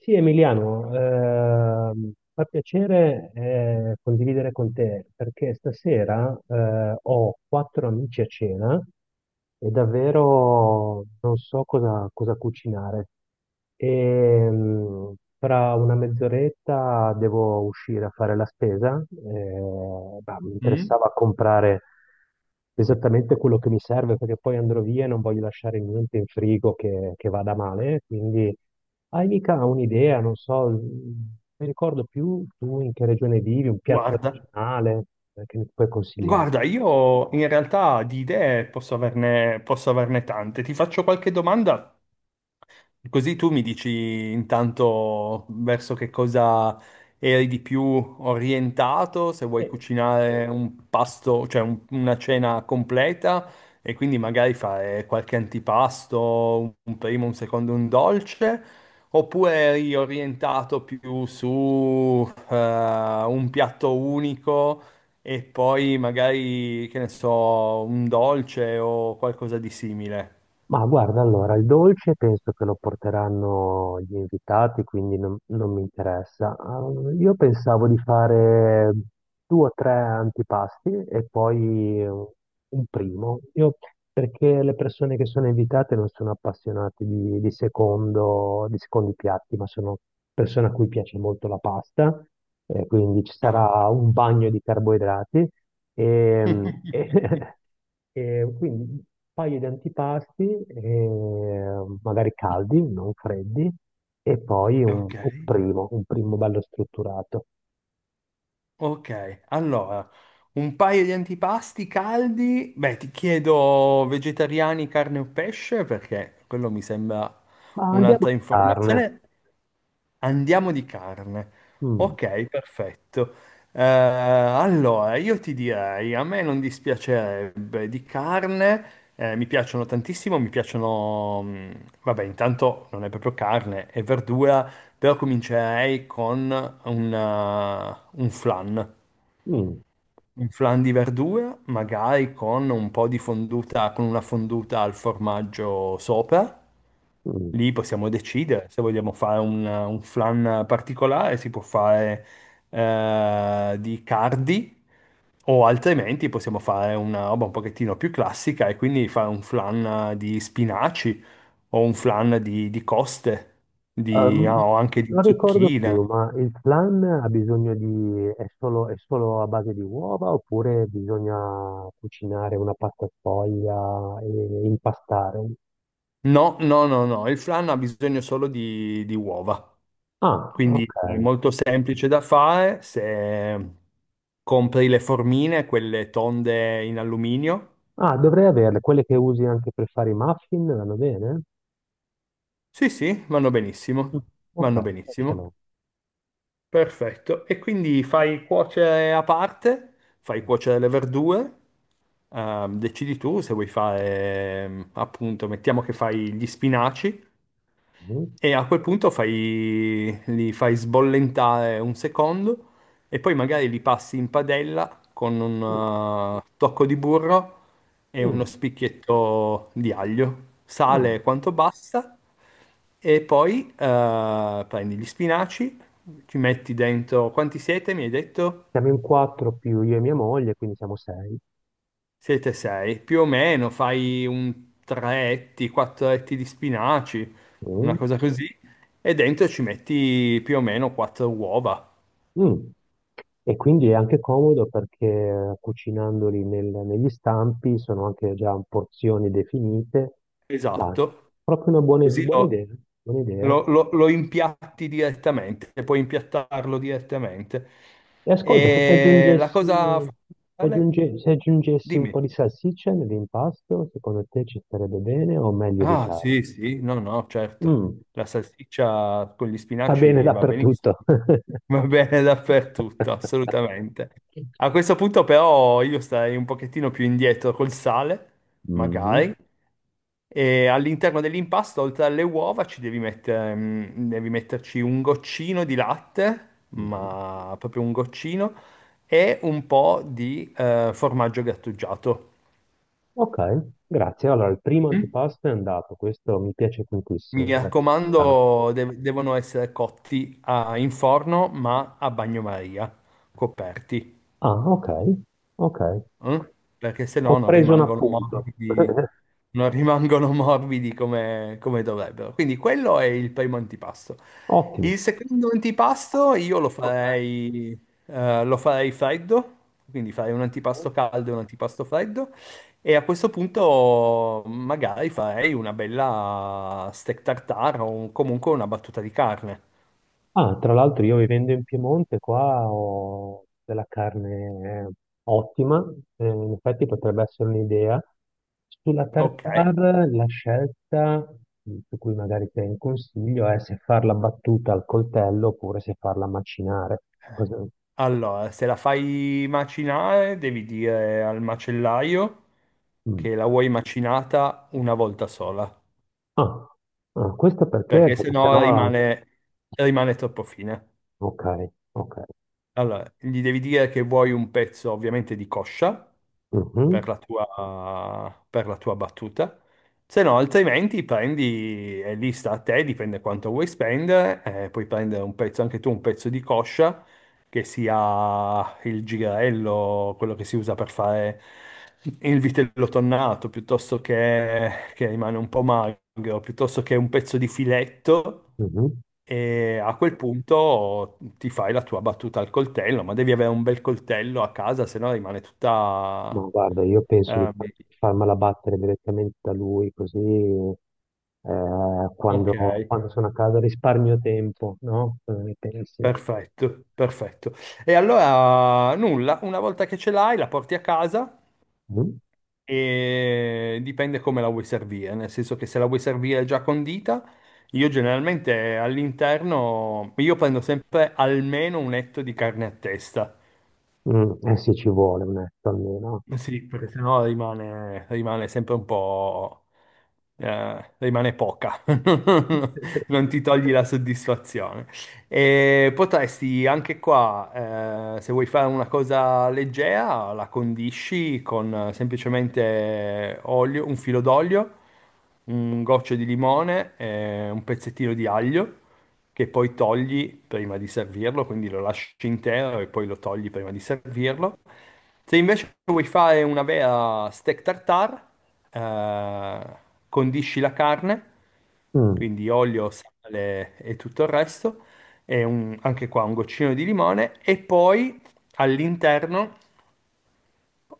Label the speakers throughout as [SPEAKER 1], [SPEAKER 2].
[SPEAKER 1] Sì, Emiliano, fa piacere condividere con te perché stasera ho quattro amici a cena e davvero non so cosa cucinare. Tra una mezz'oretta devo uscire a fare la spesa. Mi
[SPEAKER 2] Mm?
[SPEAKER 1] interessava comprare esattamente quello che mi serve perché poi andrò via e non voglio lasciare niente in frigo che vada male, quindi hai mica un'idea, non so, non mi ricordo più tu in che regione vivi, un piatto
[SPEAKER 2] Guarda,
[SPEAKER 1] regionale che mi puoi consigliare.
[SPEAKER 2] guarda, io in realtà di idee posso averne tante. Ti faccio qualche domanda, così tu mi dici intanto verso che cosa eri di più orientato, se vuoi cucinare un pasto, cioè una cena completa e quindi magari fare qualche antipasto, un primo, un secondo, un dolce, oppure eri orientato più su un piatto unico e poi magari, che ne so, un dolce o qualcosa di simile.
[SPEAKER 1] Ma guarda, allora, il dolce penso che lo porteranno gli invitati, quindi non mi interessa. Ah, io pensavo di fare due o tre antipasti e poi un primo. Io, perché le persone che sono invitate non sono appassionate di di secondi piatti, ma sono persone a cui piace molto la pasta, quindi ci
[SPEAKER 2] Ah.
[SPEAKER 1] sarà un bagno di carboidrati e E quindi un paio di antipasti, magari caldi, non freddi, e poi
[SPEAKER 2] Ok.
[SPEAKER 1] un primo bello strutturato.
[SPEAKER 2] Ok, allora, un paio di antipasti caldi. Beh, ti chiedo vegetariani, carne o pesce, perché quello mi sembra
[SPEAKER 1] Ma andiamo
[SPEAKER 2] un'altra
[SPEAKER 1] di carne.
[SPEAKER 2] informazione. Andiamo di carne.
[SPEAKER 1] Mm.
[SPEAKER 2] Ok, perfetto. Allora, io ti direi, a me non dispiacerebbe di carne, mi piacciono tantissimo, mi piacciono, vabbè, intanto non è proprio carne, è verdura, però comincerei con una- un flan,
[SPEAKER 1] mm,
[SPEAKER 2] un flan di verdura, magari con un po' di fonduta, con una fonduta al formaggio sopra.
[SPEAKER 1] mm.
[SPEAKER 2] Lì possiamo decidere se vogliamo fare un flan particolare, si può fare di cardi o altrimenti possiamo fare una roba un pochettino più classica e quindi fare un flan di spinaci o un flan di coste, ah,
[SPEAKER 1] Ehm,
[SPEAKER 2] o anche di
[SPEAKER 1] non ricordo più,
[SPEAKER 2] zucchine.
[SPEAKER 1] ma il flan ha bisogno di, è solo a base di uova oppure bisogna cucinare una pasta sfoglia e impastare?
[SPEAKER 2] No, no, no, no, il flan ha bisogno solo di uova,
[SPEAKER 1] Ah,
[SPEAKER 2] quindi è
[SPEAKER 1] ok.
[SPEAKER 2] molto semplice da fare se compri le formine, quelle tonde in alluminio.
[SPEAKER 1] Ah, dovrei averle, quelle che usi anche per fare i muffin, vanno bene?
[SPEAKER 2] Sì, sì, vanno
[SPEAKER 1] Mm.
[SPEAKER 2] benissimo,
[SPEAKER 1] Ok,
[SPEAKER 2] vanno
[SPEAKER 1] qua ce
[SPEAKER 2] benissimo.
[SPEAKER 1] l'ho.
[SPEAKER 2] Perfetto. E quindi fai cuocere a parte, fai cuocere le verdure, decidi tu se vuoi fare, appunto, mettiamo che fai gli spinaci.
[SPEAKER 1] Mm.
[SPEAKER 2] E a quel punto fai, li fai sbollentare un secondo e poi magari li passi in padella con
[SPEAKER 1] mm,
[SPEAKER 2] un tocco di burro e uno
[SPEAKER 1] mm.
[SPEAKER 2] spicchietto di aglio,
[SPEAKER 1] Ah,
[SPEAKER 2] sale quanto basta e poi prendi gli spinaci, ci metti dentro, quanti siete mi hai detto?
[SPEAKER 1] siamo in quattro più io e mia moglie, quindi siamo sei.
[SPEAKER 2] Siete sei, più o meno fai un tre etti, quattro etti di spinaci, una
[SPEAKER 1] Mm,
[SPEAKER 2] cosa così, e dentro ci metti più o meno quattro uova.
[SPEAKER 1] mm. E quindi è anche comodo perché cucinandoli negli stampi sono anche già porzioni definite. Ma
[SPEAKER 2] Esatto,
[SPEAKER 1] proprio una
[SPEAKER 2] così
[SPEAKER 1] buona
[SPEAKER 2] lo,
[SPEAKER 1] idea, buona idea.
[SPEAKER 2] lo- lo- lo impiatti direttamente, e puoi impiattarlo direttamente.
[SPEAKER 1] E ascolta,
[SPEAKER 2] E la cosa fondamentale,
[SPEAKER 1] se aggiungessi un po'
[SPEAKER 2] dimmi.
[SPEAKER 1] di salsiccia nell'impasto, secondo te ci starebbe bene o meglio
[SPEAKER 2] Ah,
[SPEAKER 1] evitare?
[SPEAKER 2] sì, sì, no, no, certo.
[SPEAKER 1] Mm,
[SPEAKER 2] La salsiccia con gli
[SPEAKER 1] va bene
[SPEAKER 2] spinaci va benissimo.
[SPEAKER 1] dappertutto.
[SPEAKER 2] Va bene dappertutto, assolutamente. A questo punto però io starei un pochettino più indietro col sale, magari,
[SPEAKER 1] Mhm,
[SPEAKER 2] e all'interno dell'impasto, oltre alle uova, ci devi mettere, devi metterci un goccino di latte,
[SPEAKER 1] mhm.
[SPEAKER 2] ma proprio un goccino, e un po' di formaggio grattugiato.
[SPEAKER 1] Ok, grazie. Allora, il primo
[SPEAKER 2] Mm?
[SPEAKER 1] antipasto è andato, questo mi piace
[SPEAKER 2] Mi
[SPEAKER 1] tantissimo, grazie Cristiano.
[SPEAKER 2] raccomando, devono essere cotti in forno, ma a bagnomaria, coperti.
[SPEAKER 1] Ah, ok, ok.
[SPEAKER 2] Mm? Perché se
[SPEAKER 1] Ho
[SPEAKER 2] no non
[SPEAKER 1] preso un
[SPEAKER 2] rimangono
[SPEAKER 1] appunto.
[SPEAKER 2] morbidi, non rimangono morbidi come, come dovrebbero. Quindi quello è il primo antipasto.
[SPEAKER 1] Ottimo.
[SPEAKER 2] Il secondo antipasto io
[SPEAKER 1] Lo fai?
[SPEAKER 2] lo farei freddo, quindi farei un antipasto caldo e un antipasto freddo. E a questo punto magari farei una bella steak tartare o comunque una battuta di carne.
[SPEAKER 1] Ah, tra l'altro io vivendo in Piemonte qua ho della carne ottima, in effetti potrebbe essere un'idea. Sulla
[SPEAKER 2] Ok?
[SPEAKER 1] tartare la scelta mm, su cui magari ti un consiglio è se farla battuta al coltello oppure se farla macinare. Cosa-
[SPEAKER 2] Allora, se la fai macinare, devi dire al macellaio
[SPEAKER 1] mm.
[SPEAKER 2] che la vuoi macinata una volta sola,
[SPEAKER 1] Ah, ah, questo perché?
[SPEAKER 2] perché Ok.
[SPEAKER 1] Perché
[SPEAKER 2] sennò
[SPEAKER 1] sennò...
[SPEAKER 2] rimane, rimane troppo fine.
[SPEAKER 1] Ok, ok.
[SPEAKER 2] Allora, gli devi dire che vuoi un pezzo ovviamente di coscia,
[SPEAKER 1] Mhm,
[SPEAKER 2] per la tua battuta. Se no, altrimenti prendi, è lì sta a te, dipende quanto vuoi spendere, puoi prendere un pezzo, anche tu un pezzo di coscia, che sia il girello, quello che si usa per fare il vitello tonnato, piuttosto che rimane un po' magro, piuttosto che un pezzo di filetto,
[SPEAKER 1] mhm.
[SPEAKER 2] e a quel punto ti fai la tua battuta al coltello, ma devi avere un bel coltello a casa, se no rimane
[SPEAKER 1] Ma
[SPEAKER 2] tutta...
[SPEAKER 1] guarda, io penso di
[SPEAKER 2] Ah,
[SPEAKER 1] fa- farmela battere direttamente da lui, così
[SPEAKER 2] ok,
[SPEAKER 1] quando, quando sono a casa risparmio tempo, no? Cosa ne pensi?
[SPEAKER 2] perfetto, perfetto. E allora nulla, una volta che ce l'hai la porti a casa
[SPEAKER 1] Mm?
[SPEAKER 2] e dipende come la vuoi servire, nel senso che se la vuoi servire già condita, io generalmente all'interno, io prendo sempre almeno un etto di carne a testa.
[SPEAKER 1] Mm, eh sì, ci vuole un etto almeno.
[SPEAKER 2] Eh sì, perché sennò rimane, rimane sempre un po'... rimane poca, non ti togli la soddisfazione. E potresti anche qua, se vuoi fare una cosa leggera, la condisci con semplicemente olio, un filo d'olio, un goccio di limone, e un pezzettino di aglio che poi togli prima di servirlo, quindi lo lasci intero e poi lo togli prima di servirlo. Se invece vuoi fare una vera steak tartare, eh, condisci la carne,
[SPEAKER 1] Mm.
[SPEAKER 2] quindi olio, sale e tutto il resto, e anche qua un goccino di limone, e poi all'interno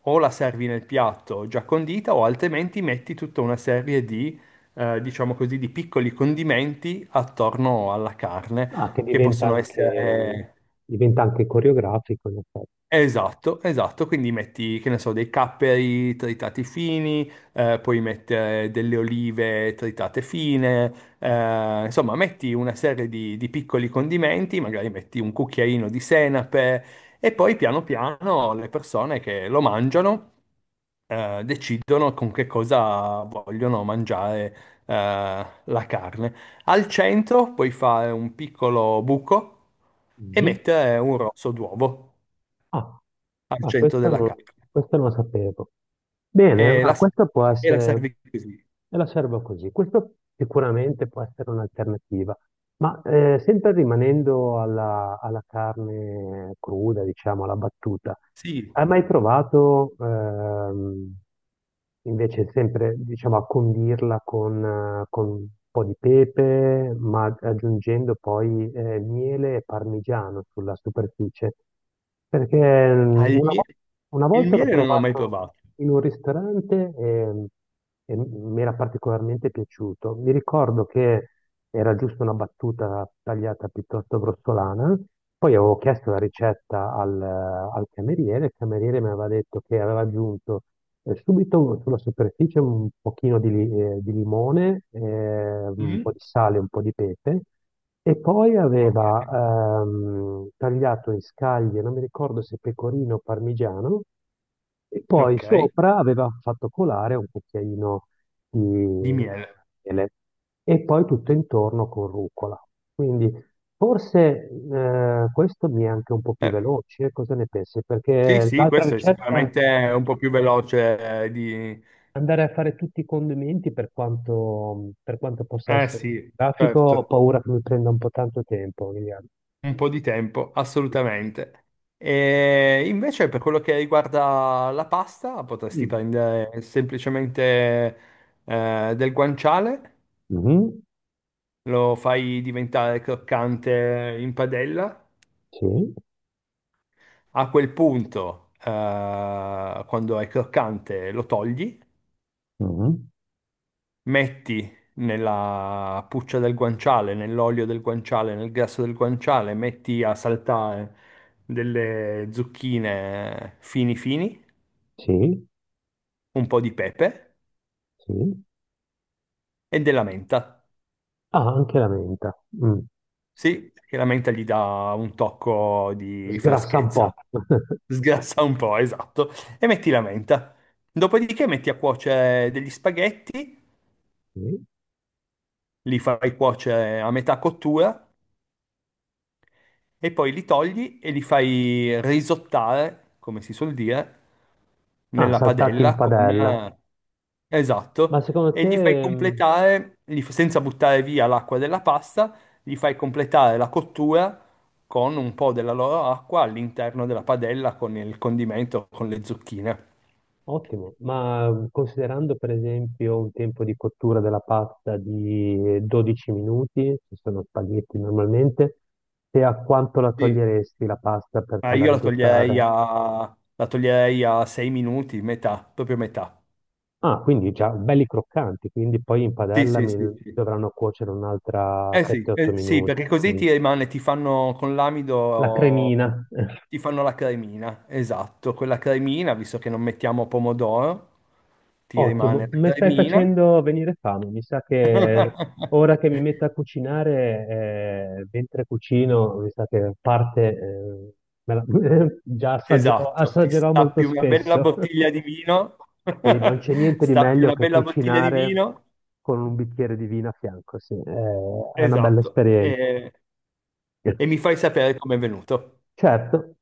[SPEAKER 2] o la servi nel piatto già condita o altrimenti metti tutta una serie di, diciamo così, di piccoli condimenti attorno alla carne,
[SPEAKER 1] Ah,
[SPEAKER 2] che possono essere
[SPEAKER 1] diventa anche coreografico, in effetti.
[SPEAKER 2] esatto, esatto, quindi metti, che ne so, dei capperi tritati fini, puoi mettere delle olive tritate fine, insomma, metti una serie di piccoli condimenti, magari metti un cucchiaino di senape e poi piano piano le persone che lo mangiano decidono con che cosa vogliono mangiare la carne. Al centro puoi fare un piccolo buco e
[SPEAKER 1] Mm.
[SPEAKER 2] mettere un rosso d'uovo
[SPEAKER 1] Ah,
[SPEAKER 2] al
[SPEAKER 1] ah,
[SPEAKER 2] centro
[SPEAKER 1] questa
[SPEAKER 2] della
[SPEAKER 1] non,
[SPEAKER 2] carne
[SPEAKER 1] questa non la sapevo. Bene,
[SPEAKER 2] e
[SPEAKER 1] ma questa può
[SPEAKER 2] e la
[SPEAKER 1] essere,
[SPEAKER 2] servi così.
[SPEAKER 1] e la servo così, questo sicuramente può essere un'alternativa. Ma sempre rimanendo alla carne cruda, diciamo, alla battuta,
[SPEAKER 2] Sì,
[SPEAKER 1] hai mai provato invece sempre, diciamo, a condirla con un po' di pepe, ma aggiungendo poi miele e parmigiano sulla superficie? Perché mm,
[SPEAKER 2] al miele.
[SPEAKER 1] una
[SPEAKER 2] Il
[SPEAKER 1] volta l'ho
[SPEAKER 2] miele non l'ho mai
[SPEAKER 1] provato
[SPEAKER 2] provato.
[SPEAKER 1] in un ristorante e mi era particolarmente piaciuto. Mi ricordo che era giusto una battuta tagliata piuttosto grossolana. Poi avevo chiesto la ricetta al cameriere, il cameriere mi aveva detto che aveva aggiunto subito sulla superficie un pochino di limone, un po'
[SPEAKER 2] Mm.
[SPEAKER 1] di sale, un po' di pepe, e poi aveva
[SPEAKER 2] Ok,
[SPEAKER 1] tagliato in scaglie, non mi ricordo se pecorino o parmigiano, e poi
[SPEAKER 2] ok,
[SPEAKER 1] sopra aveva fatto colare un cucchiaino di
[SPEAKER 2] di miele.
[SPEAKER 1] miele e poi tutto intorno con rucola. Quindi forse questo mi è anche un po' più
[SPEAKER 2] Eh,
[SPEAKER 1] veloce, cosa ne pensi?
[SPEAKER 2] sì,
[SPEAKER 1] Perché
[SPEAKER 2] sì,
[SPEAKER 1] l'altra
[SPEAKER 2] questo è
[SPEAKER 1] ricetta,
[SPEAKER 2] sicuramente un po' più veloce di...
[SPEAKER 1] andare a fare tutti i condimenti per quanto possa
[SPEAKER 2] Eh
[SPEAKER 1] essere
[SPEAKER 2] sì,
[SPEAKER 1] grafico, ho
[SPEAKER 2] certo,
[SPEAKER 1] paura che mi prenda un po' tanto tempo, Liliana.
[SPEAKER 2] un po' di tempo, assolutamente. E invece per quello che riguarda la pasta, potresti
[SPEAKER 1] Mm.
[SPEAKER 2] prendere semplicemente del guanciale,
[SPEAKER 1] Mhm,
[SPEAKER 2] lo fai diventare croccante in padella.
[SPEAKER 1] sì,
[SPEAKER 2] A quel punto, quando è croccante, lo togli,
[SPEAKER 1] mhm,
[SPEAKER 2] metti nella puccia del guanciale, nell'olio del guanciale, nel grasso del guanciale, metti a saltare delle zucchine fini fini,
[SPEAKER 1] sì,
[SPEAKER 2] un po' di pepe
[SPEAKER 1] sì.
[SPEAKER 2] e della menta.
[SPEAKER 1] Ah, anche la menta. Mm.
[SPEAKER 2] Sì, perché la menta gli dà un tocco di
[SPEAKER 1] Sgrassa un po'.
[SPEAKER 2] freschezza. Sgrassa un po', esatto. E metti la menta. Dopodiché metti a cuocere degli spaghetti,
[SPEAKER 1] Sì.
[SPEAKER 2] li fai cuocere a metà cottura e poi li togli e li fai risottare, come si suol dire,
[SPEAKER 1] Ah,
[SPEAKER 2] nella
[SPEAKER 1] saltati in
[SPEAKER 2] padella con...
[SPEAKER 1] padella. Ma
[SPEAKER 2] Esatto,
[SPEAKER 1] secondo
[SPEAKER 2] e gli fai
[SPEAKER 1] te,
[SPEAKER 2] completare, senza buttare via l'acqua della pasta, gli fai completare la cottura con un po' della loro acqua all'interno della padella con il condimento, con le zucchine.
[SPEAKER 1] ottimo, ma considerando per esempio un tempo di cottura della pasta di 12 minuti, se sono spaghetti normalmente, te a quanto la
[SPEAKER 2] Sì.
[SPEAKER 1] toglieresti la pasta per
[SPEAKER 2] Ah,
[SPEAKER 1] farla
[SPEAKER 2] io
[SPEAKER 1] risottare?
[SPEAKER 2] la toglierei a 6 minuti, metà, proprio metà.
[SPEAKER 1] Ah, quindi già belli croccanti, quindi poi in
[SPEAKER 2] Sì,
[SPEAKER 1] padella
[SPEAKER 2] sì,
[SPEAKER 1] mi
[SPEAKER 2] sì, sì.
[SPEAKER 1] dovranno cuocere un'altra
[SPEAKER 2] Eh sì,
[SPEAKER 1] 7-8
[SPEAKER 2] eh sì,
[SPEAKER 1] minuti.
[SPEAKER 2] perché così
[SPEAKER 1] Mm.
[SPEAKER 2] ti rimane, ti fanno con
[SPEAKER 1] La
[SPEAKER 2] l'amido,
[SPEAKER 1] cremina.
[SPEAKER 2] ti fanno la cremina, esatto, quella cremina, visto che non mettiamo pomodoro, ti
[SPEAKER 1] Ottimo,
[SPEAKER 2] rimane
[SPEAKER 1] mi
[SPEAKER 2] la
[SPEAKER 1] stai
[SPEAKER 2] cremina.
[SPEAKER 1] facendo venire fame. Mi sa che ora che mi metto a cucinare, mentre cucino, mi sa che parte, me la- già assaggerò,
[SPEAKER 2] Esatto, ti
[SPEAKER 1] assaggerò molto
[SPEAKER 2] stappi una bella
[SPEAKER 1] spesso.
[SPEAKER 2] bottiglia di vino,
[SPEAKER 1] Sì, non c'è niente di
[SPEAKER 2] stappi
[SPEAKER 1] meglio
[SPEAKER 2] una
[SPEAKER 1] che
[SPEAKER 2] bella bottiglia di
[SPEAKER 1] cucinare
[SPEAKER 2] vino,
[SPEAKER 1] con un bicchiere di vino a fianco, sì, è una bella
[SPEAKER 2] esatto,
[SPEAKER 1] esperienza.
[SPEAKER 2] e mi fai sapere com'è venuto.
[SPEAKER 1] Certo,